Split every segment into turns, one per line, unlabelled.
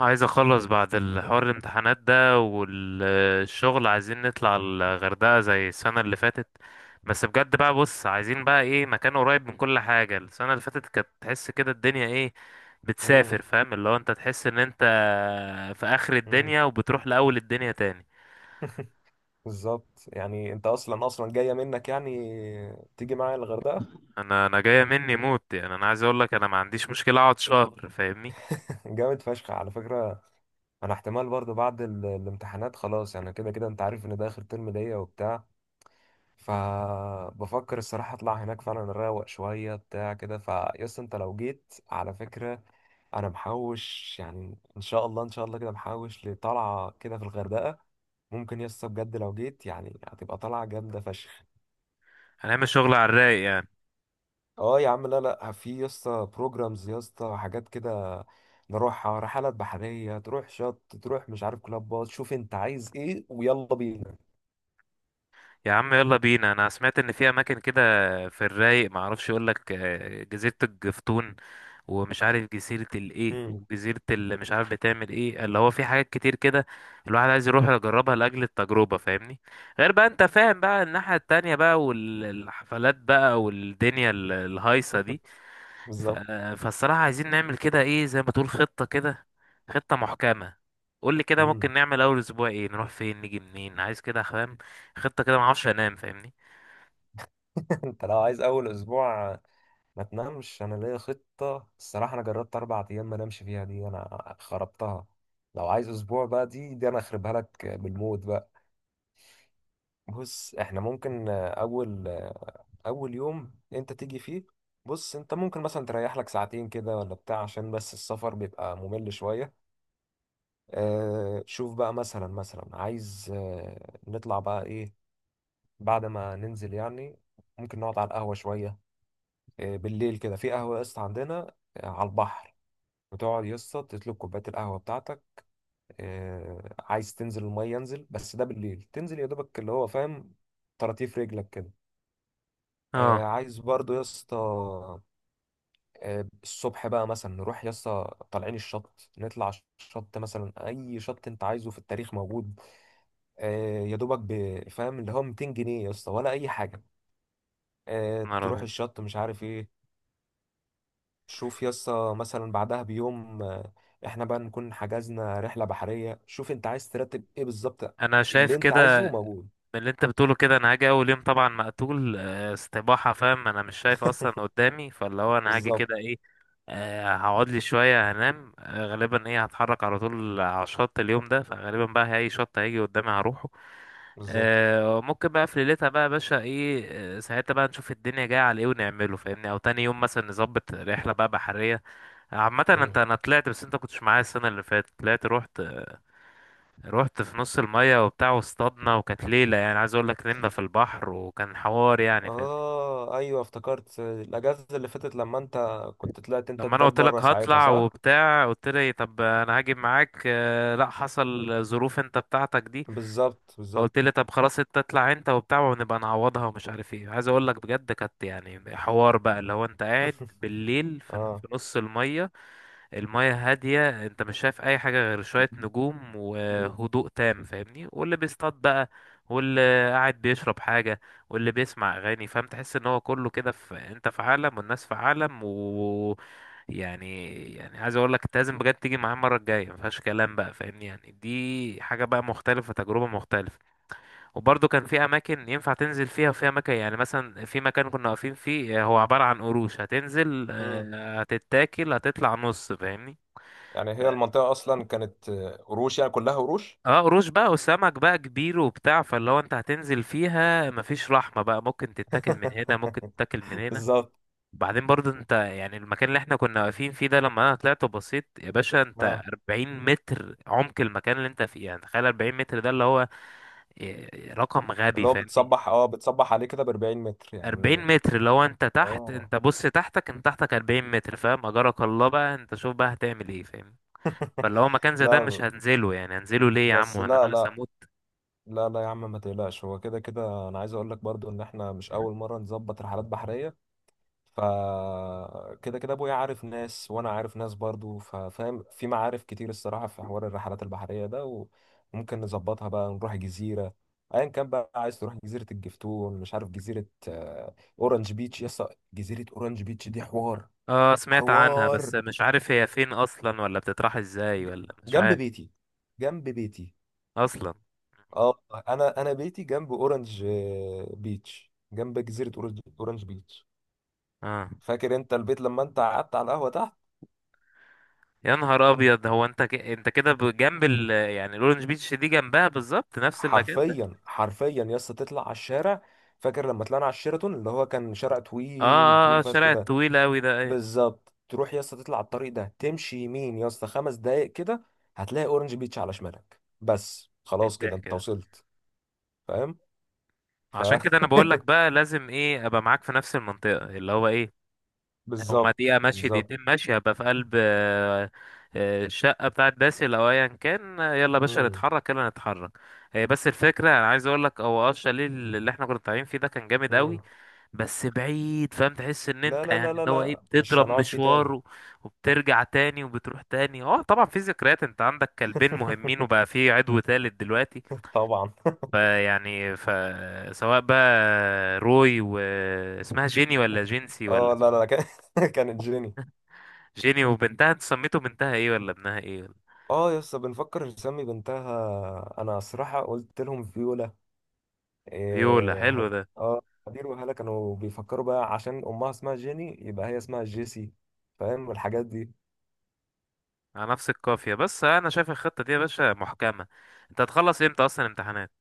عايز اخلص بعد الحوار الامتحانات ده والشغل، عايزين نطلع الغردقة زي السنة اللي فاتت. بس بجد بقى، بص، عايزين بقى ايه؟ مكان قريب من كل حاجة. السنة اللي فاتت كانت تحس كده الدنيا ايه،
امم
بتسافر، فاهم؟ اللي هو انت تحس ان انت في اخر
امم
الدنيا وبتروح لاول الدنيا تاني.
بالظبط يعني انت اصلا جايه منك يعني. تيجي معايا الغردقه؟
انا جاية مني موت، يعني انا عايز اقول لك انا ما عنديش مشكلة اقعد شهر، فاهمني.
جامد فشخ على فكره. انا احتمال برضو بعد الامتحانات خلاص، يعني كده كده انت عارف ان ده اخر ترم ليا وبتاع. فبفكر الصراحه اطلع هناك فعلا، اروق شويه بتاع كده. فيس انت لو جيت على فكره، انا محوش، يعني ان شاء الله ان شاء الله كده محوش لطلعه كده في الغردقه. ممكن يس بجد لو جيت يعني هتبقى طلعه جامده فشخ.
هنعمل شغل على الرايق يعني.
اه يا عم، لا لا، في يا اسطى بروجرامز، يا اسطى حاجات كده، نروحها رحلات بحرية، تروح شط، تروح مش عارف كلابات. شوف انت عايز ايه ويلا بينا.
يا عم يلا بينا. انا سمعت ان في اماكن كده، في الرايق، ما اعرفش اقول لك جزيره الجفتون، ومش عارف جزيره الايه،
مم.
وجزيره اللي مش عارف بتعمل ايه، اللي هو في حاجات كتير كده الواحد عايز يروح يجربها لاجل التجربه، فاهمني. غير بقى، انت فاهم بقى، الناحيه التانية بقى، والحفلات بقى، والدنيا الهايصه دي. ف...
بالظبط.
فالصراحة عايزين نعمل كده ايه، زي ما تقول، خطة كده، خطة محكمة. قول لي كده، ممكن
مم.
نعمل اول اسبوع ايه؟ نروح فين، نيجي منين؟ عايز كده، فاهم، خطة كده ما اعرفش انام، فاهمني.
انت لو عايز اول اسبوع ما تنامش، انا ليا خطة الصراحة، انا جربت 4 ايام ما نامش فيها، دي انا خربتها. لو عايز اسبوع بقى، دي انا اخربها لك بالموت بقى. بص احنا ممكن اول يوم انت تيجي فيه. بص، انت ممكن مثلا تريح لك ساعتين كده ولا بتاع، عشان بس السفر بيبقى ممل شوية. آه، شوف بقى، مثلا مثلا عايز نطلع بقى ايه بعد ما ننزل، يعني ممكن نقعد على القهوة شوية. آه، بالليل كده في قهوة يا اسطى عندنا، على البحر. بتقعد يا اسطى تطلب كوباية القهوة بتاعتك. آه، عايز تنزل المية ينزل، بس ده بالليل تنزل يا دوبك اللي هو فاهم، طراطيف رجلك كده. آه،
اه،
عايز برضو يا اسطى. آه، الصبح بقى مثلا نروح يسطا طالعين الشط. نطلع الشط، مثلا اي شط انت عايزه في التاريخ موجود. آه، يا دوبك، فاهم، اللي هو 200 جنيه يسطا ولا اي حاجه. آه،
نهار
تروح
ابيض.
الشط مش عارف ايه. شوف يسطا، مثلا بعدها بيوم، احنا بقى نكون حجزنا رحله بحريه. شوف انت عايز ترتب ايه بالظبط.
انا شايف
اللي انت
كده
عايزه موجود.
من اللي انت بتقوله. كده انا هاجي اول يوم طبعا مقتول، استباحة، فاهم؟ انا مش شايف اصلا قدامي، فاللي هو انا هاجي
بالظبط
كده ايه، هقعد لي شوية هنام، غالبا ايه، هتحرك على طول على الشط اليوم ده. فغالبا بقى اي شط هيجي قدامي هروح.
بالظبط.
ممكن بقى في ليلتها بقى يا باشا ايه، ساعتها بقى نشوف الدنيا جايه على ايه ونعمله، فاهمني، او تاني يوم مثلا نظبط رحله بقى بحريه. عامه انت،
مم.
انا طلعت بس انت كنتش معايا السنه اللي فاتت. طلعت، رحت، رحت في نص الميه وبتاع، واصطادنا، وكانت ليله يعني عايز اقول لك، نمنا في البحر، وكان حوار يعني فاهمني.
اه ايوه افتكرت الاجازه اللي فاتت لما انت كنت طلعت، انت
لما انا
تبات
قلت
بره
لك
ساعتها،
هطلع
صح؟
وبتاع، قلت لي طب انا هاجي معاك، لا، حصل ظروف انت بتاعتك دي،
بالظبط بالظبط.
فقلت لي طب خلاص انت اطلع انت وبتاع، ونبقى نعوضها ومش عارف ايه. عايز اقول لك بجد كانت يعني حوار بقى، اللي هو انت قاعد بالليل في
اه.
في نص المية، المية هادية، انت مش شايف اي حاجة غير شوية نجوم وهدوء تام، فاهمني. واللي بيصطاد بقى، واللي قاعد بيشرب حاجة، واللي بيسمع اغاني، فاهم؟ تحس ان هو كله كده، في انت في عالم والناس في عالم. و يعني عايز اقول لك، انت لازم بجد تيجي معايا المره الجايه، ما فيهاش كلام بقى فاهمني. يعني دي حاجه بقى مختلفه، تجربه مختلفه. وبرضه كان في اماكن ينفع تنزل فيها، وفي اماكن يعني مثلا في مكان كنا واقفين فيه هو عبارة عن قروش، هتنزل
مم.
هتتاكل، هتطلع نص، فاهمني.
يعني هي المنطقة أصلا كانت قروش، يعني كلها قروش.
اه، قروش بقى وسمك بقى كبير وبتاع. فاللي هو انت هتنزل فيها مفيش رحمة بقى، ممكن تتاكل من هنا، ممكن تتاكل من هنا.
بالظبط.
وبعدين برضه انت يعني المكان اللي احنا كنا واقفين فيه ده لما انا طلعت وبصيت يا باشا، انت
اه،
40 متر عمق المكان اللي انت فيه. يعني تخيل 40 متر، ده اللي هو رقم غبي،
اللي هو
فاهمني.
بتصبح عليه كده ب 40 متر
40
يعني؟
متر، لو انت تحت،
اه،
انت بص تحتك، انت تحتك 40 متر، فاهم؟ اجرك الله بقى، انت شوف بقى هتعمل ايه، فاهم؟ فاللي هو مكان زي ده مش
لا،
هنزله. يعني هنزله ليه يا عم
بس
وانا
لا
ناقص
لا
اموت؟
لا لا يا عم ما تقلقش، هو كده كده أنا عايز أقول لك برضو إن إحنا مش أول مرة نظبط رحلات بحرية. فكده كده ابويا عارف ناس، وانا عارف ناس برضو، ففاهم، في معارف كتير الصراحه في حوار الرحلات البحريه ده، وممكن نظبطها بقى نروح جزيره ايا كان بقى. عايز تروح جزيره الجفتون، مش عارف جزيره اورنج بيتش يسا، جزيره اورنج بيتش دي حوار.
اه، سمعت عنها
حوار.
بس مش عارف هي فين اصلا، ولا بتطرح ازاي،
ج-
ولا مش
جنب
عارف
بيتي. جنب بيتي.
اصلا.
اه. انا بيتي جنب اورنج بيتش، جنب جزيره أورنج بيتش.
اه،
فاكر انت البيت لما انت قعدت على القهوه تحت؟
يا نهار ابيض، هو انت انت كده جنب يعني الاورنج بيتش دي جنبها بالظبط، نفس المكان ده؟
حرفيا حرفيا يا اسطى تطلع على الشارع. فاكر لما طلعنا على الشيراتون اللي هو كان شارع
اه،
طويل طويل فشخ
الشارع
ده؟
الطويل قوي ده، ايه؟
بالظبط. تروح يا اسطى تطلع على الطريق ده، تمشي يمين يا اسطى 5 دقايق كده، هتلاقي اورنج بيتش على شمالك. بس
ايه
خلاص كده
الضحك
انت
ده؟
وصلت. فاهم ف
عشان كده انا بقول لك بقى لازم ايه، ابقى معاك في نفس المنطقة، اللي هو ايه، هما
بالظبط
دقيقة ماشية،
بالظبط.
دقيقتين ماشية، هبقى في قلب الشقة بتاعت باسل أو أيا كان. يلا يا باشا
مم.
نتحرك، يلا نتحرك. هي بس الفكرة أنا عايز أقول لك، هو أه الشاليه اللي إحنا كنا طالعين فيه ده كان جامد
مم.
أوي، بس بعيد، فاهم؟ تحس إن
لا
أنت
لا لا
يعني
لا
اللي هو إيه،
لا، مش
بتضرب
هنقعد فيه
مشوار
تاني.
وبترجع تاني، وبتروح تاني. أه طبعا في ذكريات. أنت عندك كلبين مهمين، وبقى في عدو تالت دلوقتي.
طبعا.
فيعني فسواء بقى روي، واسمها جيني ولا جينسي ولا
اه لا لا لا، كانت جيني.
جيني. وبنتها انت سميته بنتها ايه ولا ابنها ايه ولا؟
اه يا اسطى، بنفكر نسمي بنتها. انا صراحة قلت لهم فيولا.
فيولا
إيه
حلو
ه...
ده.
اه. هدير وهلا كانوا بيفكروا بقى، عشان امها اسمها جيني يبقى هي اسمها جيسي. فاهم الحاجات دي.
على نفس القافية. بس انا شايف الخطة دي يا باشا محكمة. انت هتخلص امتى اصلا امتحانات؟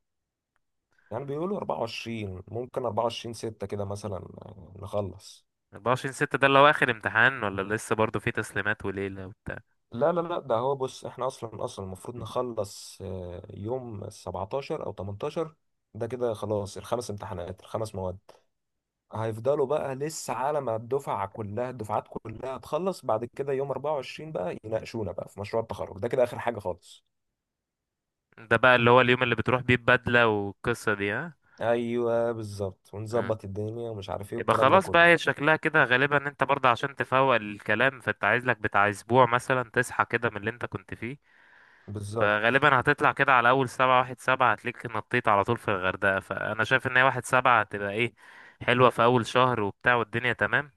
يعني بيقولوا 24، ممكن 24 6 كده مثلا، نخلص.
24 6 ده اللي هو اخر امتحان، ولا لسه برضه في تسليمات وليلة وبتاع؟
لا لا لا، ده هو، بص احنا اصلا اصلا المفروض نخلص يوم 17 او 18. ده كده خلاص، الخمس امتحانات الخمس مواد، هيفضلوا بقى لسه على ما الدفعة كلها الدفعات كلها تخلص، بعد كده يوم 24 بقى يناقشونا بقى في مشروع التخرج، ده كده آخر حاجة خالص.
ده بقى اللي هو اليوم اللي بتروح بيه ببدلة والقصة دي، ها؟
ايوه بالظبط،
مم.
ونظبط الدنيا ومش عارف ايه
يبقى
والكلام ده
خلاص بقى.
كله.
هي شكلها كده غالبا ان انت برضه عشان تفوق الكلام، فانت عايز لك بتاع اسبوع مثلا تصحى كده من اللي انت كنت فيه.
بالظبط.
فغالبا هتطلع كده على اول سبعة. واحد سبعة هتلاقيك نطيت على طول في الغردقة. فانا شايف ان هي واحد سبعة هتبقى ايه، حلوة، في اول شهر وبتاع والدنيا تمام.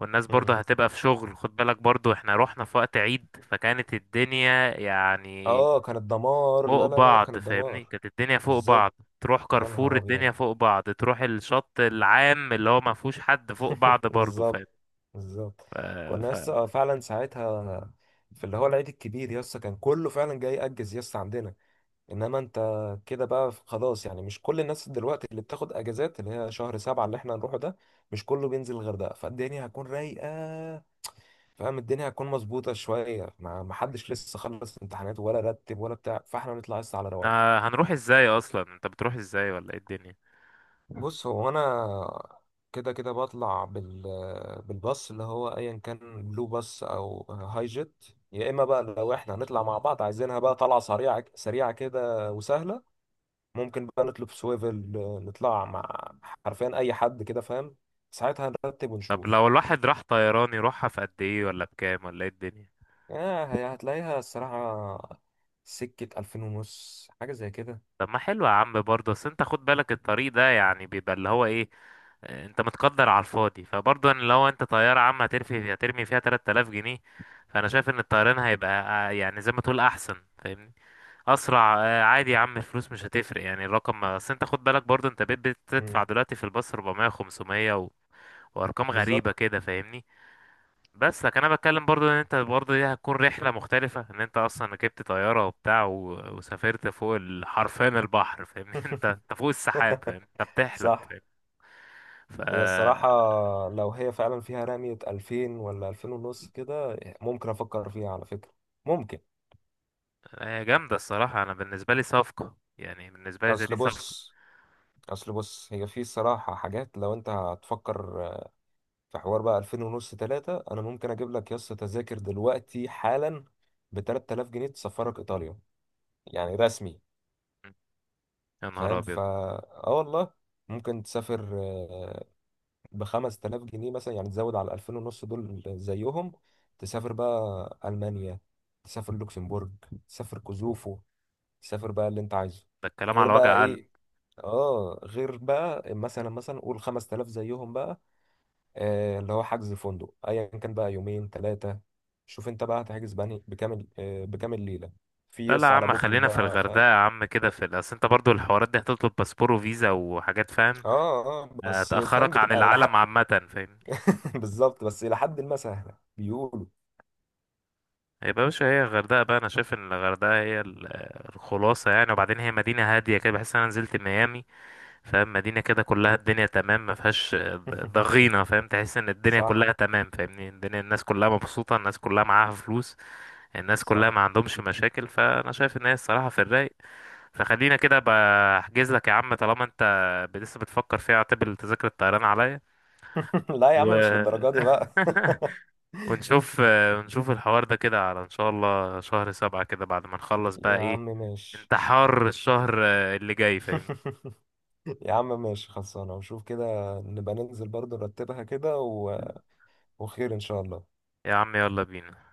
والناس برضه
امم.
هتبقى في شغل، خد بالك، برضه احنا رحنا في وقت عيد فكانت الدنيا يعني
اه كانت دمار،
فوق
لا لا لا لا،
بعض،
كانت
فاهمني،
دمار.
كانت الدنيا فوق
بالظبط.
بعض. تروح
يا
كارفور
نهار ابيض.
الدنيا فوق بعض، تروح الشط العام اللي هو ما فيهوش حد فوق بعض برضه، فاهم؟
بالظبط بالظبط.
ف...
كنا
ف...
لسه آه، فعلا ساعتها في اللي هو العيد الكبير، يسا كان كله فعلا جاي يأجز يسا عندنا. انما انت كده بقى خلاص، يعني مش كل الناس دلوقتي اللي بتاخد اجازات اللي هي شهر سبعة اللي احنا هنروحه ده، مش كله بينزل الغردقة، فالدنيا هتكون رايقة. فاهم، الدنيا هتكون مظبوطة شوية، ما حدش لسه خلص امتحانات ولا رتب ولا بتاع، فاحنا بنطلع لسه على رواقة.
إحنا هنروح ازاي اصلا؟ انت بتروح ازاي ولا ايه الدنيا؟
بص هو انا كده كده بطلع بالباص اللي هو ايا كان بلو باص او هاي جيت. يا اما بقى لو احنا هنطلع مع بعض عايزينها بقى طلعة سريعة سريعة كده وسهلة، ممكن بقى نطلب سويفل، نطلع مع حرفيا اي حد كده، فاهم. ساعتها نرتب
طب
ونشوف.
لو الواحد راح طيران يروحها في قد ايه، ولا بكام، ولا ايه الدنيا؟
آه هتلاقيها الصراحة سكة ألفين ونص حاجة زي كده.
طب ما حلو يا عم برضه. بس انت خد بالك الطريق ده يعني بيبقى اللي هو ايه، انت متقدر على الفاضي. فبرضه يعني لو انت طيارة عامة، هترفي، هترمي فيها 3000 جنيه. فانا شايف ان الطيران هيبقى يعني زي ما تقول احسن، فاهمني، اسرع. عادي يا عم، الفلوس مش هتفرق يعني، الرقم. اصل انت خد بالك برضه، انت بقيت بتدفع
مم،
دلوقتي في الباص 400، 500، وارقام غريبة
بالظبط.
كده، فاهمني. بس لكن انا بتكلم برضو، ان انت برضو دي هتكون رحله مختلفه، ان انت اصلا ركبت طياره وبتاع، وسافرت فوق حرفيا البحر، فاهمني. انت، انت فوق السحاب، فاهم؟ انت بتحلم،
صح.
فاهم؟ ف،
هي الصراحة، لو هي فعلا فيها رمية ألفين ولا ألفين ونص كده ممكن أفكر فيها على فكرة. ممكن.
هي جامده الصراحه. انا بالنسبه لي صفقه، يعني بالنسبه لي زي دي
أصل
صفقه.
بص، أصل بص، هي في الصراحة حاجات لو أنت هتفكر في حوار بقى 2000 ونص 3، انا ممكن اجيب لك يا اسطى تذاكر دلوقتي حالا ب 3000 جنيه تسفرك ايطاليا، يعني رسمي.
م. يا نهار
فاهم
ابيض.
فا اه والله، ممكن تسافر ب 5000 جنيه مثلا، يعني تزود على 2000 ونص دول زيهم، تسافر بقى المانيا، تسافر لوكسمبورج، تسافر كوزوفو، تسافر بقى اللي انت عايزه.
ده الكلام
غير
على
بقى
وجع قلب.
ايه. اه غير بقى مثلا مثلا قول 5000 زيهم بقى، آه، اللي هو حجز فندق ايا كان بقى يومين ثلاثه. شوف انت بقى هتحجز بني بكامل ليله في
لا لا
يس
يا
على
عم،
بوكينج
خلينا في
بقى،
الغردقه
فاهم.
يا عم كده، في اصل انت برضو الحوارات دي هتطلب باسبور وفيزا وحاجات، فاهم؟
اه اه بس فاهم
هتاخرك عن
بتبقى الى حد.
العالم عامه، فاهم؟
بالظبط، بس الى حد ما سهله بيقولوا.
يا باشا هي الغردقة بقى. أنا شايف إن الغردقة هي الخلاصة يعني. وبعدين هي مدينة هادية كده، بحس إن أنا نزلت ميامي، فاهم؟ مدينة كده كلها الدنيا تمام، ما فيهاش ضغينة، فاهم؟ تحس إن الدنيا
صح
كلها تمام، فاهمني. الدنيا الناس كلها مبسوطة، الناس كلها معاها فلوس، الناس كلها
صح.
ما عندهمش مشاكل. فأنا شايف إن هي الصراحة في الرايق. فخلينا كده. بحجز لك يا عم، طالما أنت لسه بتفكر فيها، اعتبر تذاكر الطيران عليا.
لا يا
و
عم مش للدرجه دي بقى.
ونشوف ونشوف الحوار ده كده، على ان شاء الله شهر سبعة كده بعد ما نخلص بقى
يا
ايه،
عم ماشي.
انتحار الشهر اللي جاي، فاهم؟
يا عم ماشي، خلصانه وشوف كده، نبقى ننزل برضه نرتبها كده. وخير ان شاء الله.
يا عم يلا بينا.